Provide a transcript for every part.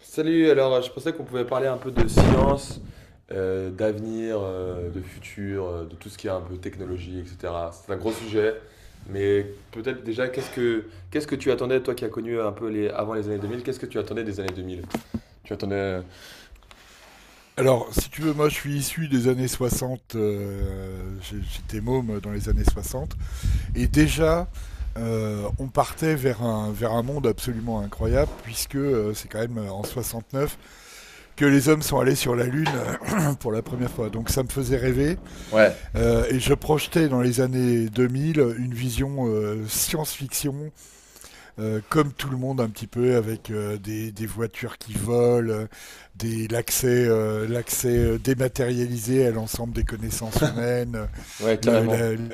Salut, je pensais qu'on pouvait parler un peu de science, d'avenir, de futur, de tout ce qui est un peu technologie, etc. C'est un gros sujet, mais peut-être déjà, qu'est-ce que tu attendais, toi qui as connu un peu les, avant les années 2000? Qu'est-ce que tu attendais des années 2000? Tu attendais. Alors, si tu veux, moi je suis issu des années 60. J'étais môme dans les années 60, et déjà, on partait vers un monde absolument incroyable, puisque c'est quand même en neuf que les hommes sont allés sur la Lune pour la première fois. Donc ça me faisait rêver, Ouais, et je projetais dans les années 2000 une vision, science-fiction, comme tout le monde un petit peu, avec des voitures qui volent, l'accès, l'accès, dématérialisé à l'ensemble des connaissances humaines, ouais, le, carrément. la, la,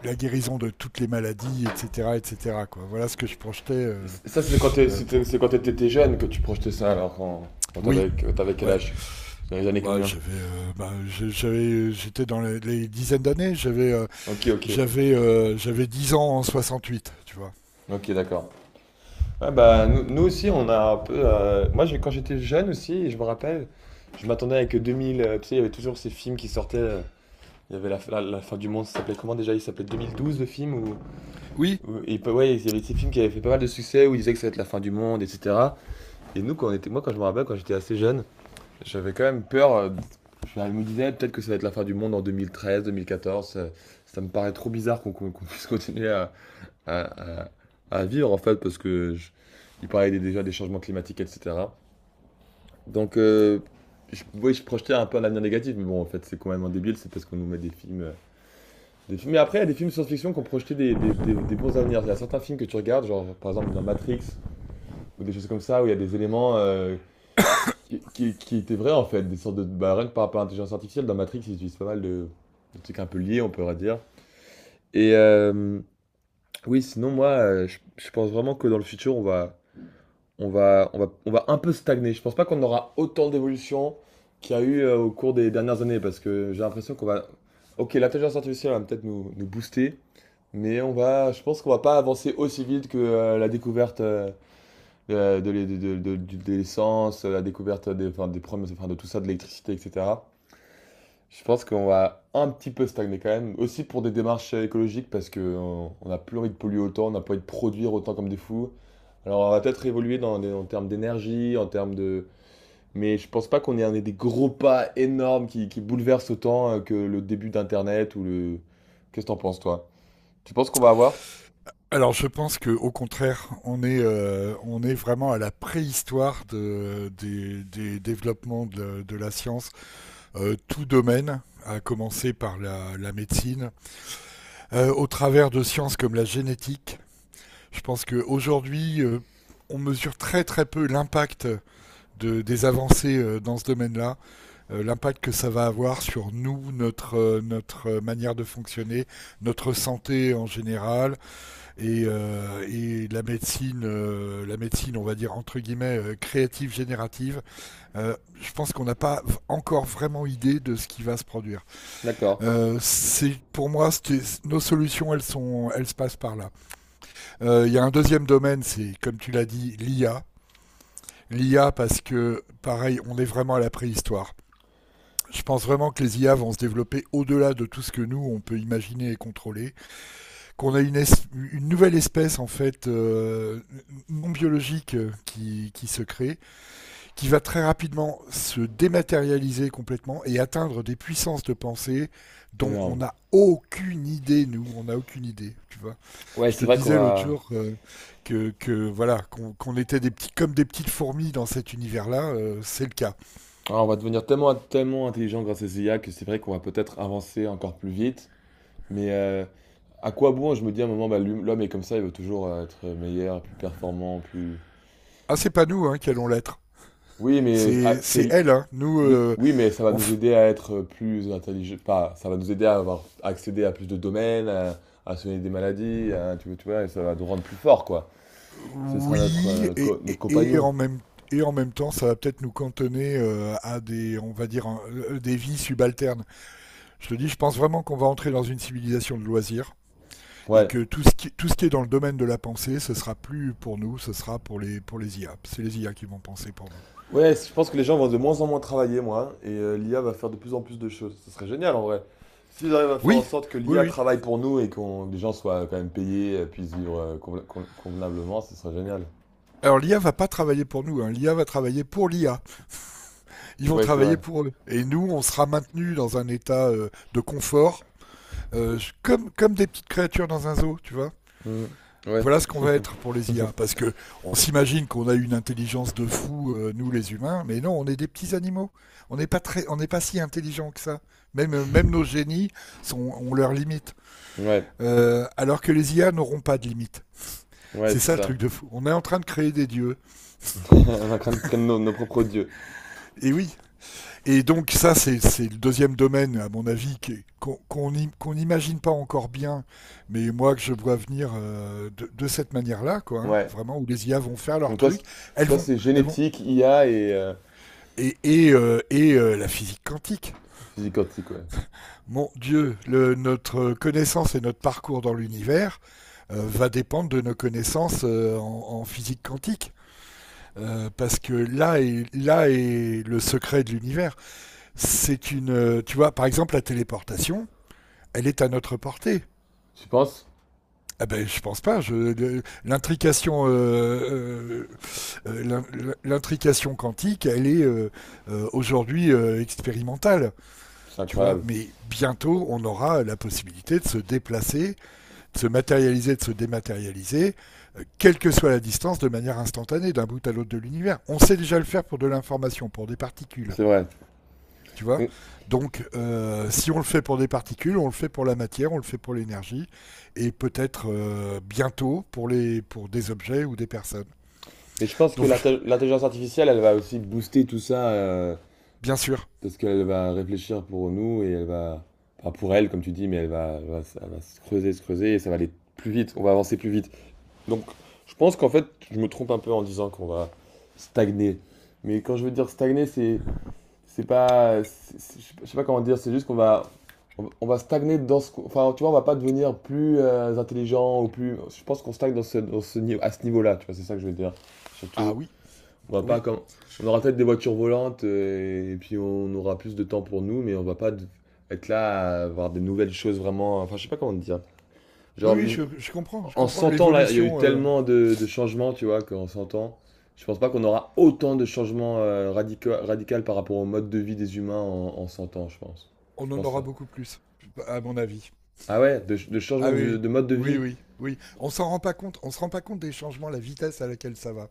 la, guérison de toutes les maladies, etc., etc. Quoi. Voilà ce que je projetais, Et c- Ça, c'est quand t'es- c'était- pour. C'est quand t'étais jeune que tu projetais ça, quand Oui, t'avais quel ouais. âge? Dans les années Bah, combien? j'avais, bah, je- j'avais, j'étais dans les, dizaines d'années. Ok. J'avais 10 ans en 68, tu vois. Ok, d'accord. Nous aussi, on a un peu. Moi, quand j'étais jeune aussi, je me rappelle, je m'attendais avec 2000. Tu sais, il y avait toujours ces films qui sortaient. Il y avait la fin du monde, ça s'appelait comment déjà? Il s'appelait 2012 le film. Oui. Ouais, il y avait ces films qui avaient fait pas mal de succès où ils disaient que ça va être la fin du monde, etc. Et nous, quand on était, Moi, quand je me rappelle, quand j'étais assez jeune, j'avais quand même peur. Je me disais peut-être que ça va être la fin du monde en 2013, 2014. Ça, ça me paraît trop bizarre qu'on puisse continuer à, à- à vivre en fait, il parlait déjà des changements climatiques, etc. Donc, euh, oui, je projetais un peu un avenir négatif, mais bon, en fait, c'est complètement débile, c'est parce qu'on nous met des films, des films. Mais après, il y a des films science-fiction qui ont projeté des bons avenirs. Il y a certains films que tu regardes, genre par exemple dans Matrix ou des choses comme ça, où il y a des éléments qui étaient vrais en fait, des sortes de bah, rien que par rapport à l'intelligence artificielle. Dans Matrix, ils utilisent pas mal de trucs un peu liés, on pourrait dire. Et euh, oui, sinon moi, je pense vraiment que dans le futur, on va un peu stagner. Je pense pas qu'on aura autant d'évolution qu'il y a eu au cours des dernières années parce que j'ai l'impression qu'on va. Ok, l'intelligence artificielle va peut-être nous booster, je pense qu'on va pas avancer aussi vite que la découverte de l'essence, la découverte des, enfin, des problèmes, enfin, de tout ça, de l'électricité, etc. Je pense qu'on va un petit peu stagner quand même, aussi pour des démarches écologiques parce qu'on n'a plus envie de polluer autant, on n'a pas envie de produire autant comme des fous. Alors, on va peut-être évoluer en termes d'énergie, en termes de... Mais je pense pas qu'on ait un des gros pas énormes qui bouleversent autant que le début d'Internet ou le... Qu'est-ce que t'en penses, toi? Tu penses qu'on va avoir? Alors je pense que, au contraire, on est vraiment à la préhistoire des développements de la science. Tout domaine, à commencer par la, médecine. Au travers de sciences comme la génétique. Je pense qu'aujourd'hui, on mesure très très peu l'impact des avancées, dans ce domaine-là, l'impact que ça va avoir sur nous, notre manière de fonctionner, notre santé en général, et la médecine, on va dire, entre guillemets, créative, générative. Je pense qu'on n'a pas encore vraiment idée de ce qui va se produire. D'accord. C'est pour moi, nos solutions, elles se passent par là. Il y a un deuxième domaine, c'est comme tu l'as dit, l'IA. L'IA, parce que pareil, on est vraiment à la préhistoire. Je pense vraiment que les IA vont se développer au-delà de tout ce que nous on peut imaginer et contrôler. Qu'on a une, une nouvelle espèce en fait, non biologique, qui se crée, qui va très rapidement se dématérialiser complètement et atteindre des puissances de pensée dont on Énorme. n'a aucune idée. Nous, on n'a aucune idée, tu vois. Ouais, Je c'est te vrai qu'on disais l'autre va... jour, voilà qu'on était des petits, comme des petites fourmis dans cet univers-là. C'est le cas. Ah, on va devenir tellement, tellement intelligent grâce à ces IA que c'est vrai qu'on va peut-être avancer encore plus vite. Mais euh, à quoi bon? Je me dis à un moment, bah, l'homme est comme ça, il veut toujours être meilleur, plus performant, plus... Ah, c'est pas nous, hein, qui allons l'être, Oui, mais ah, c'est c'est elles, hein. Oui, oui, mais ça va on nous f- aider à être plus intelligent. Pas, ça va nous aider à avoir accédé à plus de domaines, à soigner des maladies, tu vois, et ça va nous rendre plus forts, quoi. Ce sera notre, Oui, et, notre et- et compagnon. en même, et en même temps, ça va peut-être nous cantonner, à des, on va dire, des vies subalternes. Je te dis, je pense vraiment qu'on va entrer dans une civilisation de loisirs, et Ouais. que tout ce qui est dans le domaine de la pensée, ce sera plus pour nous, ce sera pour les IA. C'est les IA qui vont penser pour nous. Ouais, je pense que les gens vont de moins en moins travailler, moi, l'IA va faire de plus en plus de choses. Ce serait génial, en vrai. S'ils arrivent à faire en Oui, sorte que oui, l'IA oui. travaille pour nous et qu'on, que les gens soient quand même payés, puissent vivre convenablement, ce serait génial. Alors l'IA va pas travailler pour nous, hein. L'IA va travailler pour l'IA. Ils vont Ouais, c'est travailler vrai. pour eux. Et nous, on sera maintenus dans un état, de confort, comme des petites créatures dans un zoo, tu vois. Mm. Ouais, Voilà ce qu'on va être pour les IA, parce que on s'imagine qu'on a une intelligence de fou, nous les humains. Mais non, on est des petits animaux. On n'est pas si intelligent que ça. Même nos génies ont leurs limites. ouais, Alors que les IA n'auront pas de limites. ouais, C'est c'est ça le ça. truc de fou. On est en train de créer des dieux. On est en train de traîner nos, nos propres dieux. Et oui. Et donc ça, c'est le deuxième domaine, à mon avis, qu'on n'imagine pas encore bien, mais moi que je vois venir, de cette manière-là, quoi, hein. Ouais. Vraiment, où les IA vont faire leur Donc toi, truc. c'est- Elles toi vont, c'est elles vont, génétique, IA et et la physique quantique. physique quantique, ouais. Mon Dieu, notre connaissance et notre parcours dans l'univers va dépendre de nos connaissances, en physique quantique. Parce que là est le secret de l'univers. Tu vois, par exemple, la téléportation, elle est à notre portée. Tu penses? Ah ben, je pense pas. Euh, l'in- l'intrication quantique, elle est, aujourd'hui, expérimentale. C'est Tu vois, incroyable. mais bientôt, on aura, la possibilité de se déplacer, de se matérialiser, de se dématérialiser, quelle que soit la distance, de manière instantanée, d'un bout à l'autre de l'univers. On sait déjà le faire pour de l'information, pour des particules, C'est vrai. tu vois. Mais, Donc, si on le fait pour des particules, on le fait pour la matière, on le fait pour l'énergie, et peut-être, bientôt, pour des objets ou des personnes. mais je pense que Donc, l'intelligence artificielle, elle va aussi booster tout ça, bien sûr. parce qu'elle va réfléchir pour nous et elle va... Enfin, pour elle, comme tu dis, mais elle va se creuser et ça va aller plus vite. On va avancer plus vite. Donc, je pense qu'en fait, je me trompe un peu en disant qu'on va stagner. Mais quand je veux dire stagner, c'est pas, c'est- je sais pas comment dire, c'est juste qu'on va, on va stagner dans ce, enfin, tu vois, on va pas devenir plus intelligent ou plus, je pense qu'on stagne dans ce niveau, à ce niveau-là, tu vois, c'est ça que je veux dire. Ah Surtout, oui, on va pas oui. comme, on aura peut-être des voitures volantes et puis on aura plus de temps pour nous, mais on va pas de- être là à voir des nouvelles choses vraiment, enfin, je sais pas comment dire. Oui, Genre, oui, les- je comprends, je En comprends. 100 ans, là, il y a eu L'évolution, tellement de changements, tu vois, qu'en 100 ans, je pense pas qu'on aura autant de changements radicaux par rapport au mode de vie des humains en, en 100 ans, je pense. Je on en pense aura ça. beaucoup plus, à mon avis. Ah ouais, de changement Ah oui, de mode de oui, oui, vie. oui. Oui. On s'en rend pas compte, on se rend pas compte des changements, la vitesse à laquelle ça va.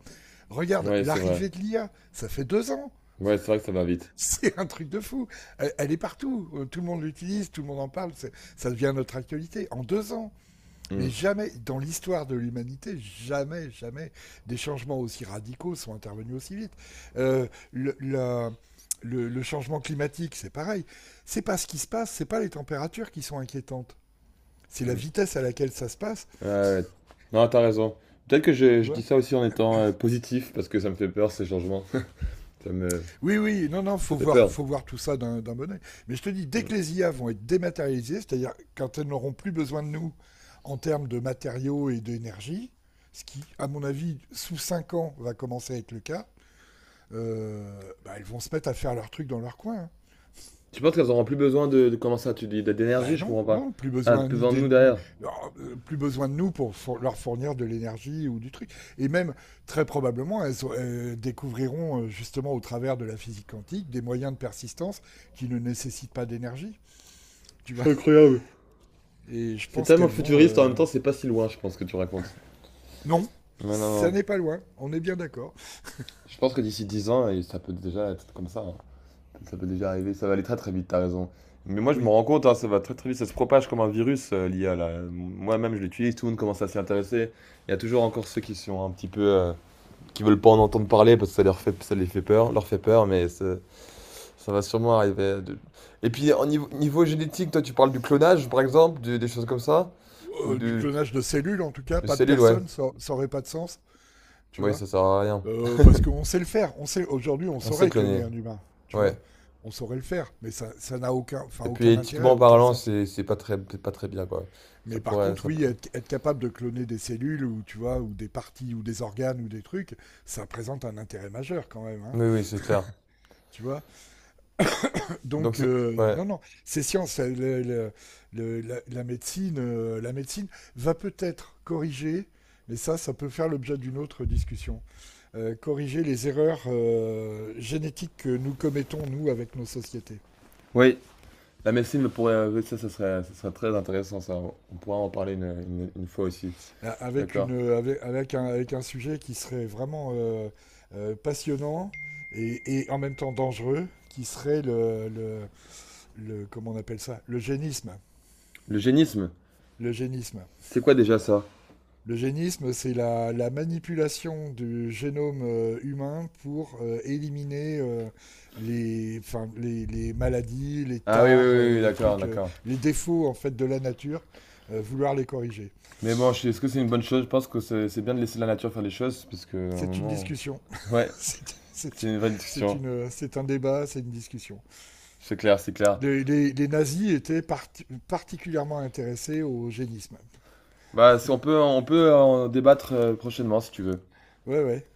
Regarde, Ouais, c'est vrai. l'arrivée de l'IA, ça fait 2 ans. Ouais, c'est vrai que ça va vite. C'est un truc de fou. Elle est partout. Tout le monde l'utilise, tout le monde en parle. Ça devient notre actualité en 2 ans. Hmm, Mais jamais, dans l'histoire de l'humanité, jamais, jamais, des changements aussi radicaux sont intervenus aussi vite. Euh, le, la- le changement climatique, c'est pareil. C'est pas ce qui se passe, c'est pas les températures qui sont inquiétantes. C'est la hmm. vitesse à laquelle ça se passe, Ouais, ouais. Non, t'as raison. Peut-être que tu je dis vois. ça aussi en étant positif, parce que ça me fait peur, ces changements. Ça me... Oui, oui, non, non, Ça fait peur. faut voir tout ça d'un bon oeil. Mais je te dis, dès Hmm. que les IA vont être dématérialisées, c'est-à-dire quand elles n'auront plus besoin de nous en termes de matériaux et d'énergie, ce qui, à mon avis, sous 5 ans, va commencer à être le cas, bah, elles vont se mettre à faire leur truc dans leur coin, hein. Tu penses qu'elles auront plus besoin de comment ça, tu dis, d'énergie, Ben je non, comprends pas. non, plus Ah, besoin plus ni besoin de d'é- nous ni- derrière. alors, plus besoin de nous pour leur fournir de l'énergie ou du truc. Et même, très probablement, elles découvriront, justement au travers de la physique quantique, des moyens de persistance qui ne nécessitent pas d'énergie, tu vois. C'est incroyable. Et je C'est pense tellement qu'elles vont... futuriste, en même temps, c'est pas si loin, je pense, que tu racontes. Non, Mais non, ça non. n'est pas loin, on est bien d'accord. Je pense que d'ici 10 ans, et ça peut déjà être comme ça. Hein. Ça peut déjà arriver. Ça va aller très très vite, t'as raison. Mais moi, je me Oui. rends compte, hein, ça va très très vite. Ça se propage comme un virus, l'IA, là. Moi-même, je l'utilise, tout le monde commence à s'y intéresser. Il y a toujours encore ceux qui sont un petit peu. Qui veulent pas en entendre parler parce que ça les fait peur, leur fait peur, ça va sûrement arriver. Et puis, au niveau génétique, toi, tu parles du clonage, par exemple, des choses comme ça? Ou Du de, clonage de cellules en tout cas, de pas de cellules, ouais. personnes, ça n'aurait pas de sens, tu Oui, vois. ça sert à rien. Parce qu'on sait le faire. On sait aujourd'hui, on On sait saurait cloner cloner, un humain, tu vois. ouais. On saurait le faire, mais ça n'a aucun, enfin, Et puis aucun intérêt, éthiquement aucun parlant, sens. c'est pas très c'est pas très bien quoi. Ça Mais par pourrait contre, ça pour- oui, être capable de cloner des cellules, ou tu vois, ou des parties ou des organes ou des trucs, ça présente un intérêt majeur quand même, hein, Oui, oui, c'est clair. tu vois. Donc Donc, c'est Ouais. non, non, c'est science. La médecine va peut-être corriger, mais ça peut faire l'objet d'une autre discussion. Corriger les erreurs, génétiques que nous commettons, nous, avec nos sociétés. Oui, la médecine me pourrait. Ça, ça serait très intéressant, ça. On pourra en parler une fois aussi. Je suis Avec, une, d'accord. Avec, avec un, Avec un sujet qui serait vraiment, passionnant, et en même temps dangereux, qui serait comment on appelle ça, le génisme. Le génisme, Le génisme. c'est quoi déjà ça? L'eugénisme, c'est la manipulation du génome, humain, pour éliminer, les, enfin, les maladies, les Ah oui, oui, tares, oui, oui, les d'accord, trucs, d'accord. les défauts en fait de la nature, vouloir les corriger. Mais bon, est-ce que c'est une bonne chose? Je pense que c'est bien de laisser la nature faire les choses, parce que à un C'est une moment. discussion. Ouais, C'est- c'est C'est une vraie discussion. C'est un débat, c'est une discussion. C'est clair, c'est clair. Les nazis étaient particulièrement intéressés au génisme. Bah, on peut en débattre prochainement si tu veux. Ouais, ouais.